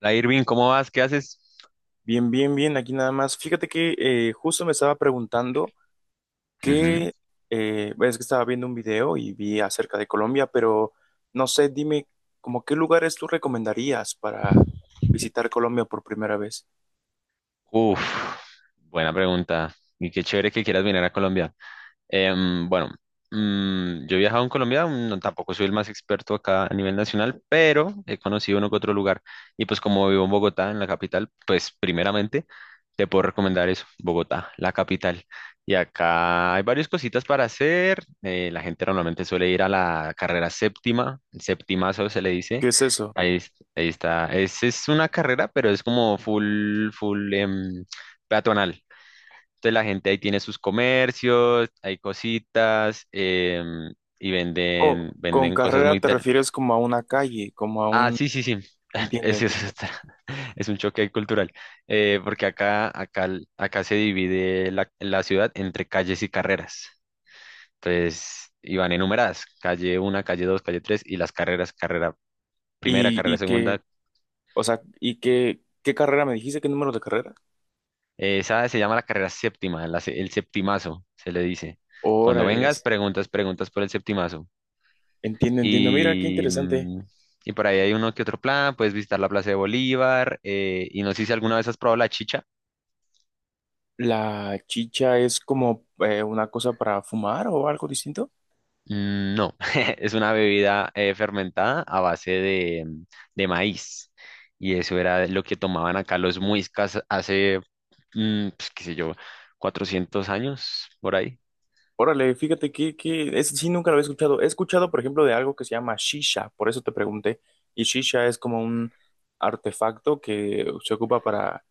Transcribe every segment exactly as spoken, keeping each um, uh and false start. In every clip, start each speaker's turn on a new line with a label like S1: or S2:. S1: Hola Irving, ¿cómo vas? ¿Qué haces?
S2: Bien, bien, bien, aquí nada más. Fíjate que eh, justo me estaba preguntando
S1: Ujú.
S2: que, eh, bueno, es que estaba viendo un video y vi acerca de Colombia, pero no sé, dime, como qué lugares tú recomendarías para visitar Colombia por primera vez.
S1: Uf, buena pregunta. Y qué chévere que quieras venir a Colombia. Em, bueno, mm, yo he viajado en Colombia, mm, no, tampoco soy el más experto acá a nivel nacional, pero he conocido uno que otro lugar. Y pues como vivo en Bogotá, en la capital, pues primeramente te puedo recomendar eso, Bogotá, la capital. Y acá hay varias cositas para hacer. eh, la gente normalmente suele ir a la carrera séptima, el septimazo se le dice.
S2: ¿Qué es eso?
S1: Ahí, es- ahí está. Es, es una carrera, pero es como full, full em, peatonal. Entonces la gente ahí tiene sus comercios, hay cositas em, y
S2: Oh,
S1: venden,
S2: con
S1: venden cosas
S2: carrera
S1: muy...
S2: te
S1: ter-
S2: refieres como a una calle, como a
S1: Ah,
S2: un...
S1: sí, sí, sí.
S2: Entiendo,
S1: Es, es,
S2: entiendo.
S1: otra- es un choque cultural, eh, porque acá, acá, acá se divide la, la ciudad entre calles y carreras. Entonces, iban enumeradas, calle uno, calle dos, calle tres y las carreras, carrera primera,
S2: Y,
S1: carrera
S2: y que,
S1: segunda.
S2: o sea, y qué, ¿qué carrera me dijiste? ¿Qué número de carrera?
S1: Eh, Esa se llama la carrera séptima, la se- el septimazo, se le dice. Cuando
S2: Órale,
S1: vengas, preguntas, preguntas por el septimazo.
S2: entiendo, entiendo. Mira, qué
S1: Y,
S2: interesante.
S1: mm, y por ahí hay uno que otro plan, puedes visitar la Plaza de Bolívar. eh, y no sé si alguna vez has probado la chicha.
S2: La chicha es como eh, una cosa para fumar o algo distinto.
S1: Mm, No, es una bebida eh, fermentada a base de, mm, de maíz. Y eso era lo que tomaban acá los muiscas hace, mm, pues, qué sé yo, cuatrocientos años por ahí.
S2: Órale, fíjate que, que es, sí, nunca lo había escuchado. He escuchado, por ejemplo, de algo que se llama shisha, por eso te pregunté. Y shisha es como un artefacto que se ocupa para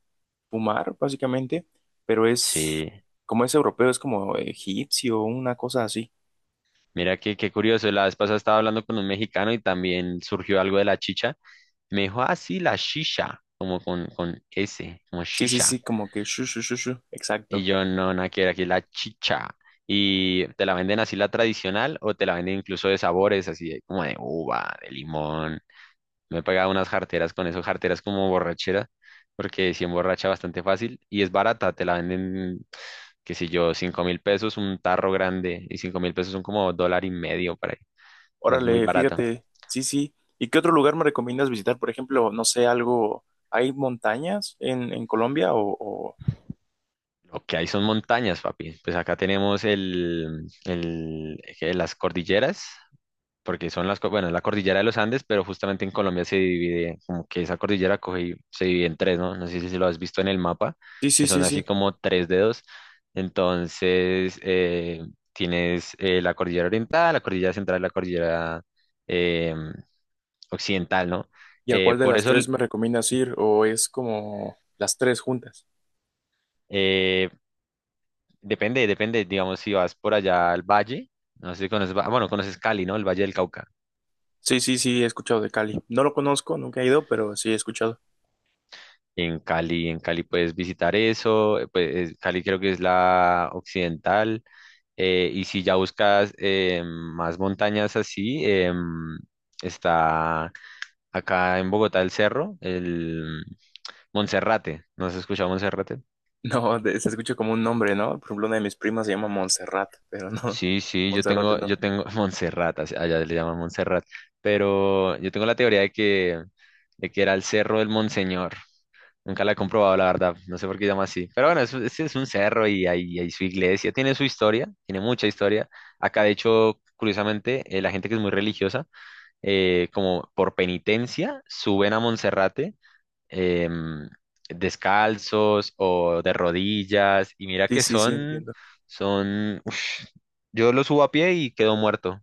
S2: fumar, básicamente, pero es,
S1: Sí,
S2: como es europeo, es como egipcio, una cosa así.
S1: mira que qué curioso. La vez pasada estaba hablando con un mexicano y también surgió algo de la chicha. Me dijo, ah, sí, la shisha, como con, con ese, como
S2: Sí, sí,
S1: shisha.
S2: sí, como que shu, shu, shu, shu,
S1: Y
S2: exacto.
S1: yo, no, nada que ver, aquí es la chicha. Y te la venden así la tradicional o te la venden incluso de sabores, así de- como de uva, de limón. Me he pagado unas jarteras con eso, jarteras como borrachera, porque si emborracha bastante fácil y es barata, te la venden, qué sé yo, cinco mil pesos, un tarro grande y cinco mil pesos son como dólar y medio para ahí. Entonces, es muy
S2: Órale,
S1: barata.
S2: fíjate, sí, sí. ¿Y qué otro lugar me recomiendas visitar? Por ejemplo, no sé, algo, ¿hay montañas en, en Colombia? O, o-
S1: Lo que hay son montañas, papi. Pues acá tenemos el, el, que las cordilleras porque son las, co- bueno, es la cordillera de los Andes, pero justamente en Colombia se divide, como que esa cordillera coge y se divide en tres, ¿no? No sé si lo has visto en el mapa,
S2: Sí, sí,
S1: que son
S2: sí,
S1: así
S2: sí.
S1: como tres dedos. Entonces, eh, tienes eh, la cordillera oriental, la cordillera central, la cordillera eh, occidental, ¿no?
S2: ¿Y a
S1: Eh,
S2: cuál de
S1: por
S2: las
S1: eso,
S2: tres me recomiendas ir? ¿O es como las tres juntas?
S1: eh, depende, depende, digamos, si vas por allá al valle, no sé si conoces, Va- bueno, conoces Cali, ¿no? El Valle del Cauca.
S2: Sí, sí, sí, he escuchado de Cali. No lo conozco, nunca he ido, pero sí he escuchado.
S1: En Cali, en Cali puedes visitar eso, eh, pues es- Cali creo que es la occidental, eh, y si ya buscas eh, más montañas así, em, está acá en Bogotá el cerro, el Monserrate, ¿no has escuchado Monserrate?
S2: No, de- se escucha como un nombre, ¿no? Por ejemplo, una de mis primas se llama Montserrat, pero no,
S1: Sí, sí, yo
S2: Montserrat
S1: tengo,
S2: no.
S1: yo tengo Monserrate, así- allá le llaman Monserrate, pero yo tengo la teoría de que, de que era el cerro del Monseñor. Nunca la he comprobado, la verdad. No sé por qué llama así. Pero bueno, es, es, es un cerro y hay, hay su iglesia. Tiene su historia, tiene mucha historia. Acá, de hecho, curiosamente, eh, la gente que es muy religiosa, eh, como por penitencia, suben a Monserrate em, descalzos o de rodillas. Y mira
S2: Sí,
S1: que
S2: sí, sí,
S1: son,
S2: entiendo.
S1: son, ush, yo lo subo a pie y quedo muerto.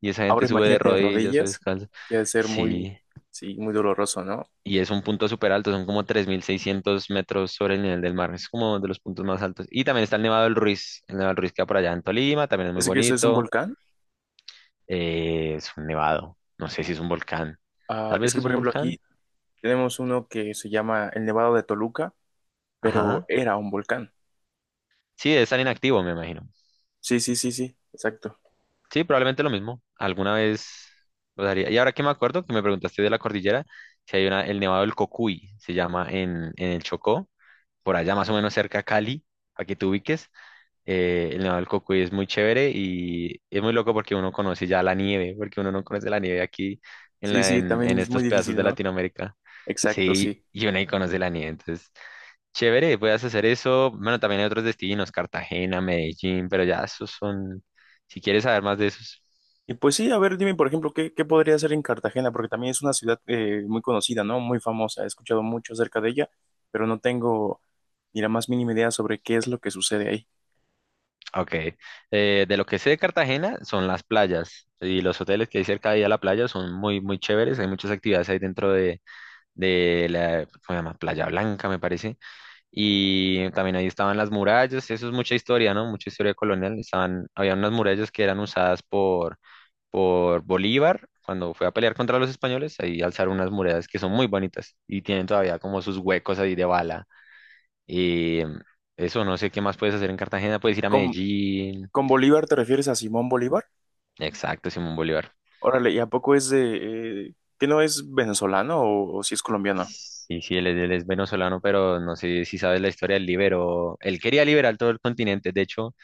S1: Y esa
S2: Ahora
S1: gente sube de
S2: imagínate
S1: rodillas o
S2: rodillas,
S1: descalzo.
S2: que ha de ser muy,
S1: Sí,
S2: sí, muy doloroso, ¿no?
S1: y es un punto súper alto, son como tres mil seiscientos metros sobre el nivel del mar, es como de los puntos más altos. Y también está el Nevado del Ruiz, el Nevado del Ruiz queda por allá en Tolima, también es muy
S2: ¿Es que ese es un
S1: bonito,
S2: volcán?
S1: eh, es un nevado, no sé si es un volcán,
S2: Ah,
S1: tal
S2: es
S1: vez
S2: que,
S1: es
S2: por
S1: un
S2: ejemplo,
S1: volcán,
S2: aquí tenemos uno que se llama el Nevado de Toluca, pero
S1: ajá,
S2: era un volcán.
S1: sí, es tan inactivo, me imagino.
S2: Sí, sí, sí, sí, exacto.
S1: Sí, probablemente lo mismo, alguna vez lo daría. Y ahora que me acuerdo, que me preguntaste de la cordillera, si hay una, el Nevado del Cocuy, se llama en, en el Chocó, por allá más o menos cerca a Cali, para que te ubiques. Eh, el Nevado del Cocuy es muy chévere y es muy loco porque uno conoce ya la nieve, porque uno no conoce la nieve aquí en,
S2: Sí,
S1: la,
S2: sí,
S1: en,
S2: también
S1: en
S2: es muy
S1: estos pedazos
S2: difícil,
S1: de
S2: ¿no?
S1: Latinoamérica.
S2: Exacto,
S1: Sí,
S2: sí.
S1: y uno ahí conoce la nieve. Entonces, chévere, puedes hacer eso. Bueno, también hay otros destinos, Cartagena, Medellín, pero ya esos son, si quieres saber más de esos.
S2: Y pues sí, a ver, dime, por ejemplo, ¿qué, qué podría hacer en Cartagena? Porque también es una ciudad eh, muy conocida, ¿no? Muy famosa. He escuchado mucho acerca de ella, pero no tengo ni la más mínima idea sobre qué es lo que sucede ahí.
S1: Ok, eh, de lo que sé de Cartagena son las playas y los hoteles que hay cerca de ahí a la playa son muy, muy chéveres. Hay muchas actividades ahí dentro de, de la, ¿cómo se llama? Playa Blanca, me parece. Y también ahí estaban las murallas, eso es mucha historia, ¿no? Mucha historia colonial. Estaban, había unas murallas que eran usadas por, por Bolívar cuando fue a pelear contra los españoles. Ahí alzaron unas murallas que son muy bonitas y tienen todavía como sus huecos ahí de bala. Y eso, no sé qué más puedes hacer en Cartagena. Puedes ir a
S2: ¿Con,
S1: Medellín.
S2: con Bolívar te refieres a Simón Bolívar?
S1: Exacto, Simón Bolívar.
S2: Órale, ¿y a poco es de... eh, que no es venezolano o, o si es colombiano?
S1: Sí, sí, él, es él es venezolano, pero no sé si sabes la historia, él liberó, él quería liberar todo el continente, de hecho.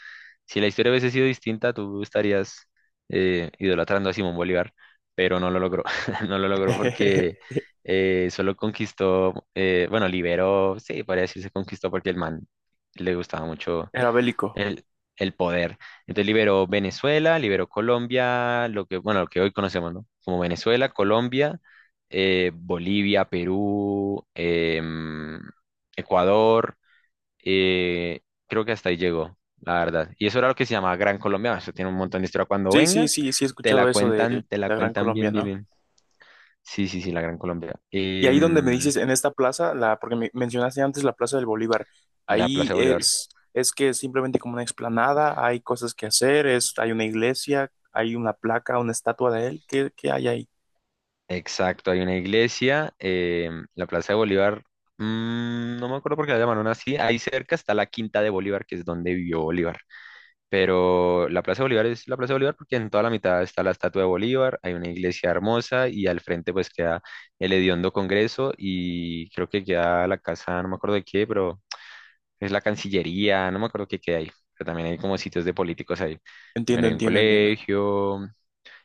S1: Si la historia hubiese sido distinta, tú estarías eh, idolatrando a Simón Bolívar, pero no lo logró. No lo logró porque eh, solo conquistó, eh, bueno, liberó, sí, podría decirse conquistó porque el man le gustaba mucho
S2: Era bélico.
S1: el, el poder. Entonces liberó Venezuela, liberó Colombia, lo que, bueno, lo que hoy conocemos, ¿no? Como Venezuela, Colombia, eh, Bolivia, Perú, em, Ecuador. Eh, creo que hasta ahí llegó, la verdad. Y eso era lo que se llamaba Gran Colombia. Eso tiene un montón de historia. Cuando
S2: Sí, sí,
S1: vengas,
S2: sí, sí he
S1: te la
S2: escuchado eso de
S1: cuentan, te la
S2: la Gran
S1: cuentan
S2: Colombia,
S1: bien, bien,
S2: ¿no?
S1: bien. Sí, sí, sí, la Gran Colombia.
S2: Y ahí donde me
S1: Em,
S2: dices, en esta plaza, la, porque me mencionaste antes la Plaza del Bolívar,
S1: la
S2: ahí
S1: Plaza de Bolívar.
S2: es, es que es simplemente como una explanada, hay cosas que hacer, es, hay una iglesia, hay una placa, una estatua de él, ¿qué, qué hay ahí?
S1: Exacto, hay una iglesia. em, la Plaza de Bolívar, mm, no me acuerdo por qué la llamaron así. Ahí cerca está la Quinta de Bolívar, que es donde vivió Bolívar. Pero la Plaza de Bolívar es la Plaza de Bolívar porque en toda la mitad está la estatua de Bolívar, hay una iglesia hermosa y al frente pues queda el hediondo Congreso y creo que queda la casa, no me acuerdo de qué, pero es la Cancillería, no me acuerdo qué queda ahí, pero también hay como sitios de políticos ahí. También
S2: Entiendo,
S1: hay un
S2: entiendo, entiendo.
S1: colegio.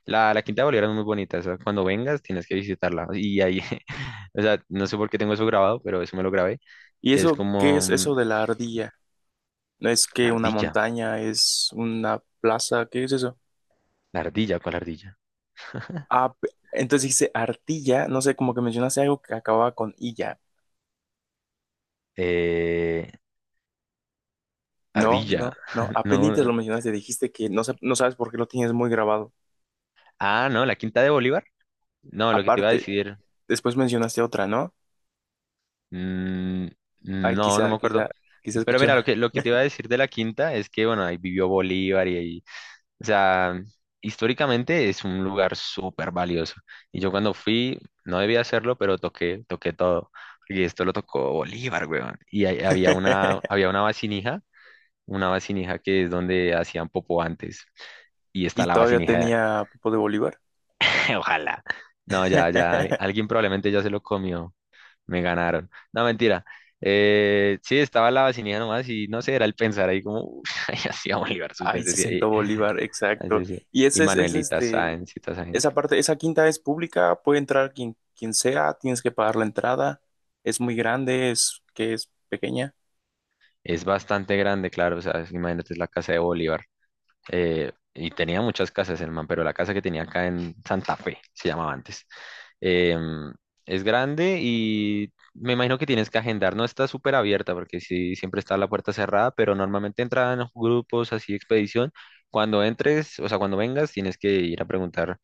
S1: La, la Quinta de Bolívar es muy bonita, o sea, cuando vengas tienes que visitarla. Y ahí, o sea, no sé por qué tengo eso grabado, pero eso me lo grabé,
S2: ¿Y
S1: que es
S2: eso, qué
S1: como
S2: es
S1: mm,
S2: eso de la ardilla? ¿No es
S1: la
S2: que una
S1: ardilla,
S2: montaña, es una plaza? ¿Qué es eso?
S1: la ardilla, ¿cuál ardilla?
S2: Ah, pe- entonces dice ardilla, no sé, como que mencionaste algo que acababa con illa.
S1: Eh,
S2: No,
S1: Ardilla.
S2: no, no. Apenitas
S1: No.
S2: lo mencionaste, dijiste que no, sa- no sabes por qué lo tienes muy grabado.
S1: Ah, no, la Quinta de Bolívar. No, lo que te iba a
S2: Aparte,
S1: decir.
S2: después mencionaste otra, ¿no?
S1: mm,
S2: Ay,
S1: no, no
S2: quizá,
S1: me acuerdo.
S2: quizá, quizá
S1: Pero
S2: escuché
S1: mira, lo
S2: mal.
S1: que, lo que te iba a decir de la Quinta es que, bueno, ahí vivió Bolívar y ahí. O sea, históricamente es un lugar súper valioso. Y yo cuando fui, no debía hacerlo, pero toqué, toqué todo. Y esto lo tocó Bolívar, weón. Y ahí había una, había una vasinija, una vasinija que es donde hacían popó antes y está
S2: Y
S1: la
S2: todavía
S1: vasinija.
S2: tenía Popo de Bolívar.
S1: Ojalá. No, ya, ya, al- alguien probablemente ya se lo comió. Me ganaron. No, mentira. Eh, sí, estaba la vacinilla nomás y no sé, era el pensar ahí como, "Uf, ay, así a Bolívar,
S2: Ay,
S1: usted
S2: se
S1: decía", y,
S2: sentó Bolívar,
S1: así
S2: exacto.
S1: decía.
S2: Y
S1: Y
S2: ese es, es
S1: Manuelita
S2: este,
S1: Sáenz y toda esa gente.
S2: esa parte, esa quinta es pública, puede entrar quien, quien sea, tienes que pagar la entrada. Es muy grande, es que es pequeña.
S1: Es bastante grande, claro, o sea, imagínate, es la casa de Bolívar. eh, y tenía muchas casas el man, pero la casa que tenía acá en Santa Fe, se llamaba antes, em, es grande y me imagino que tienes que agendar, no está súper abierta porque sí, siempre está la puerta cerrada, pero normalmente entran grupos así de expedición. Cuando entres, o sea, cuando vengas, tienes que ir a preguntar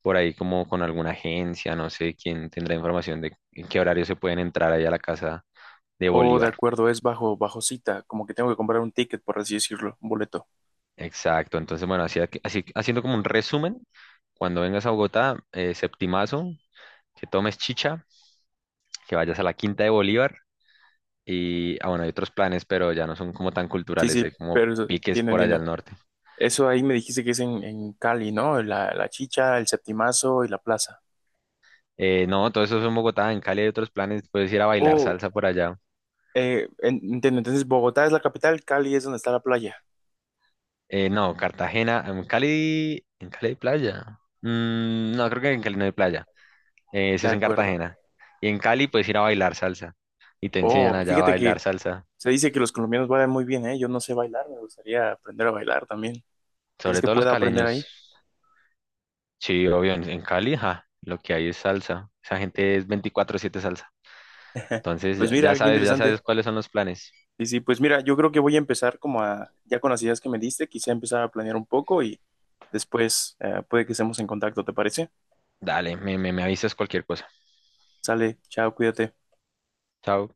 S1: por ahí como con alguna agencia, no sé quién tendrá información de en qué horario se pueden entrar allá a la casa de
S2: O de
S1: Bolívar.
S2: acuerdo, es bajo, bajo cita, como que tengo que comprar un ticket, por así decirlo, un boleto.
S1: Exacto, entonces bueno, así, aquí- así haciendo como un resumen, cuando vengas a Bogotá, eh, septimazo, que tomes chicha, que vayas a la Quinta de Bolívar y, ah, bueno, hay otros planes, pero ya no son como tan
S2: Sí,
S1: culturales,
S2: sí,
S1: hay como
S2: pero eso,
S1: piques
S2: entiendo,
S1: por allá
S2: entiendo.
S1: al norte.
S2: Eso ahí me dijiste que es en, en Cali, ¿no? La, la Chicha, el Septimazo y la plaza.
S1: Eh, no, todo eso es en Bogotá, en Cali hay otros planes, puedes ir a bailar
S2: Oh,
S1: salsa por allá.
S2: eh, en- entiendo. Entonces, Bogotá es la capital, Cali es donde está la playa.
S1: Eh, no, Cartagena, en Cali, en Cali hay playa. Mm, no, creo que en Cali no hay playa. Eh, eso
S2: De
S1: es en
S2: acuerdo.
S1: Cartagena. Y en Cali puedes ir a bailar salsa y te enseñan
S2: Oh,
S1: allá a
S2: fíjate que
S1: bailar salsa.
S2: se dice que los colombianos bailan muy bien, ¿eh? Yo no sé bailar, me gustaría aprender a bailar también. ¿Crees
S1: Sobre
S2: que
S1: todo los
S2: pueda aprender
S1: caleños.
S2: ahí?
S1: Sí, obvio, en, en Cali, ja, lo que hay es salsa. Esa gente es veinticuatro siete salsa. Entonces,
S2: Pues
S1: ya ya
S2: mira, qué
S1: sabes, ya
S2: interesante.
S1: sabes cuáles son los planes.
S2: Sí, sí, pues mira, yo creo que voy a empezar como a, ya con las ideas que me diste, quizá empezar a planear un poco y después eh, puede que estemos en contacto, ¿te parece?
S1: Dale, me, me, me avisas cualquier cosa.
S2: Sale, chao, cuídate.
S1: Chao.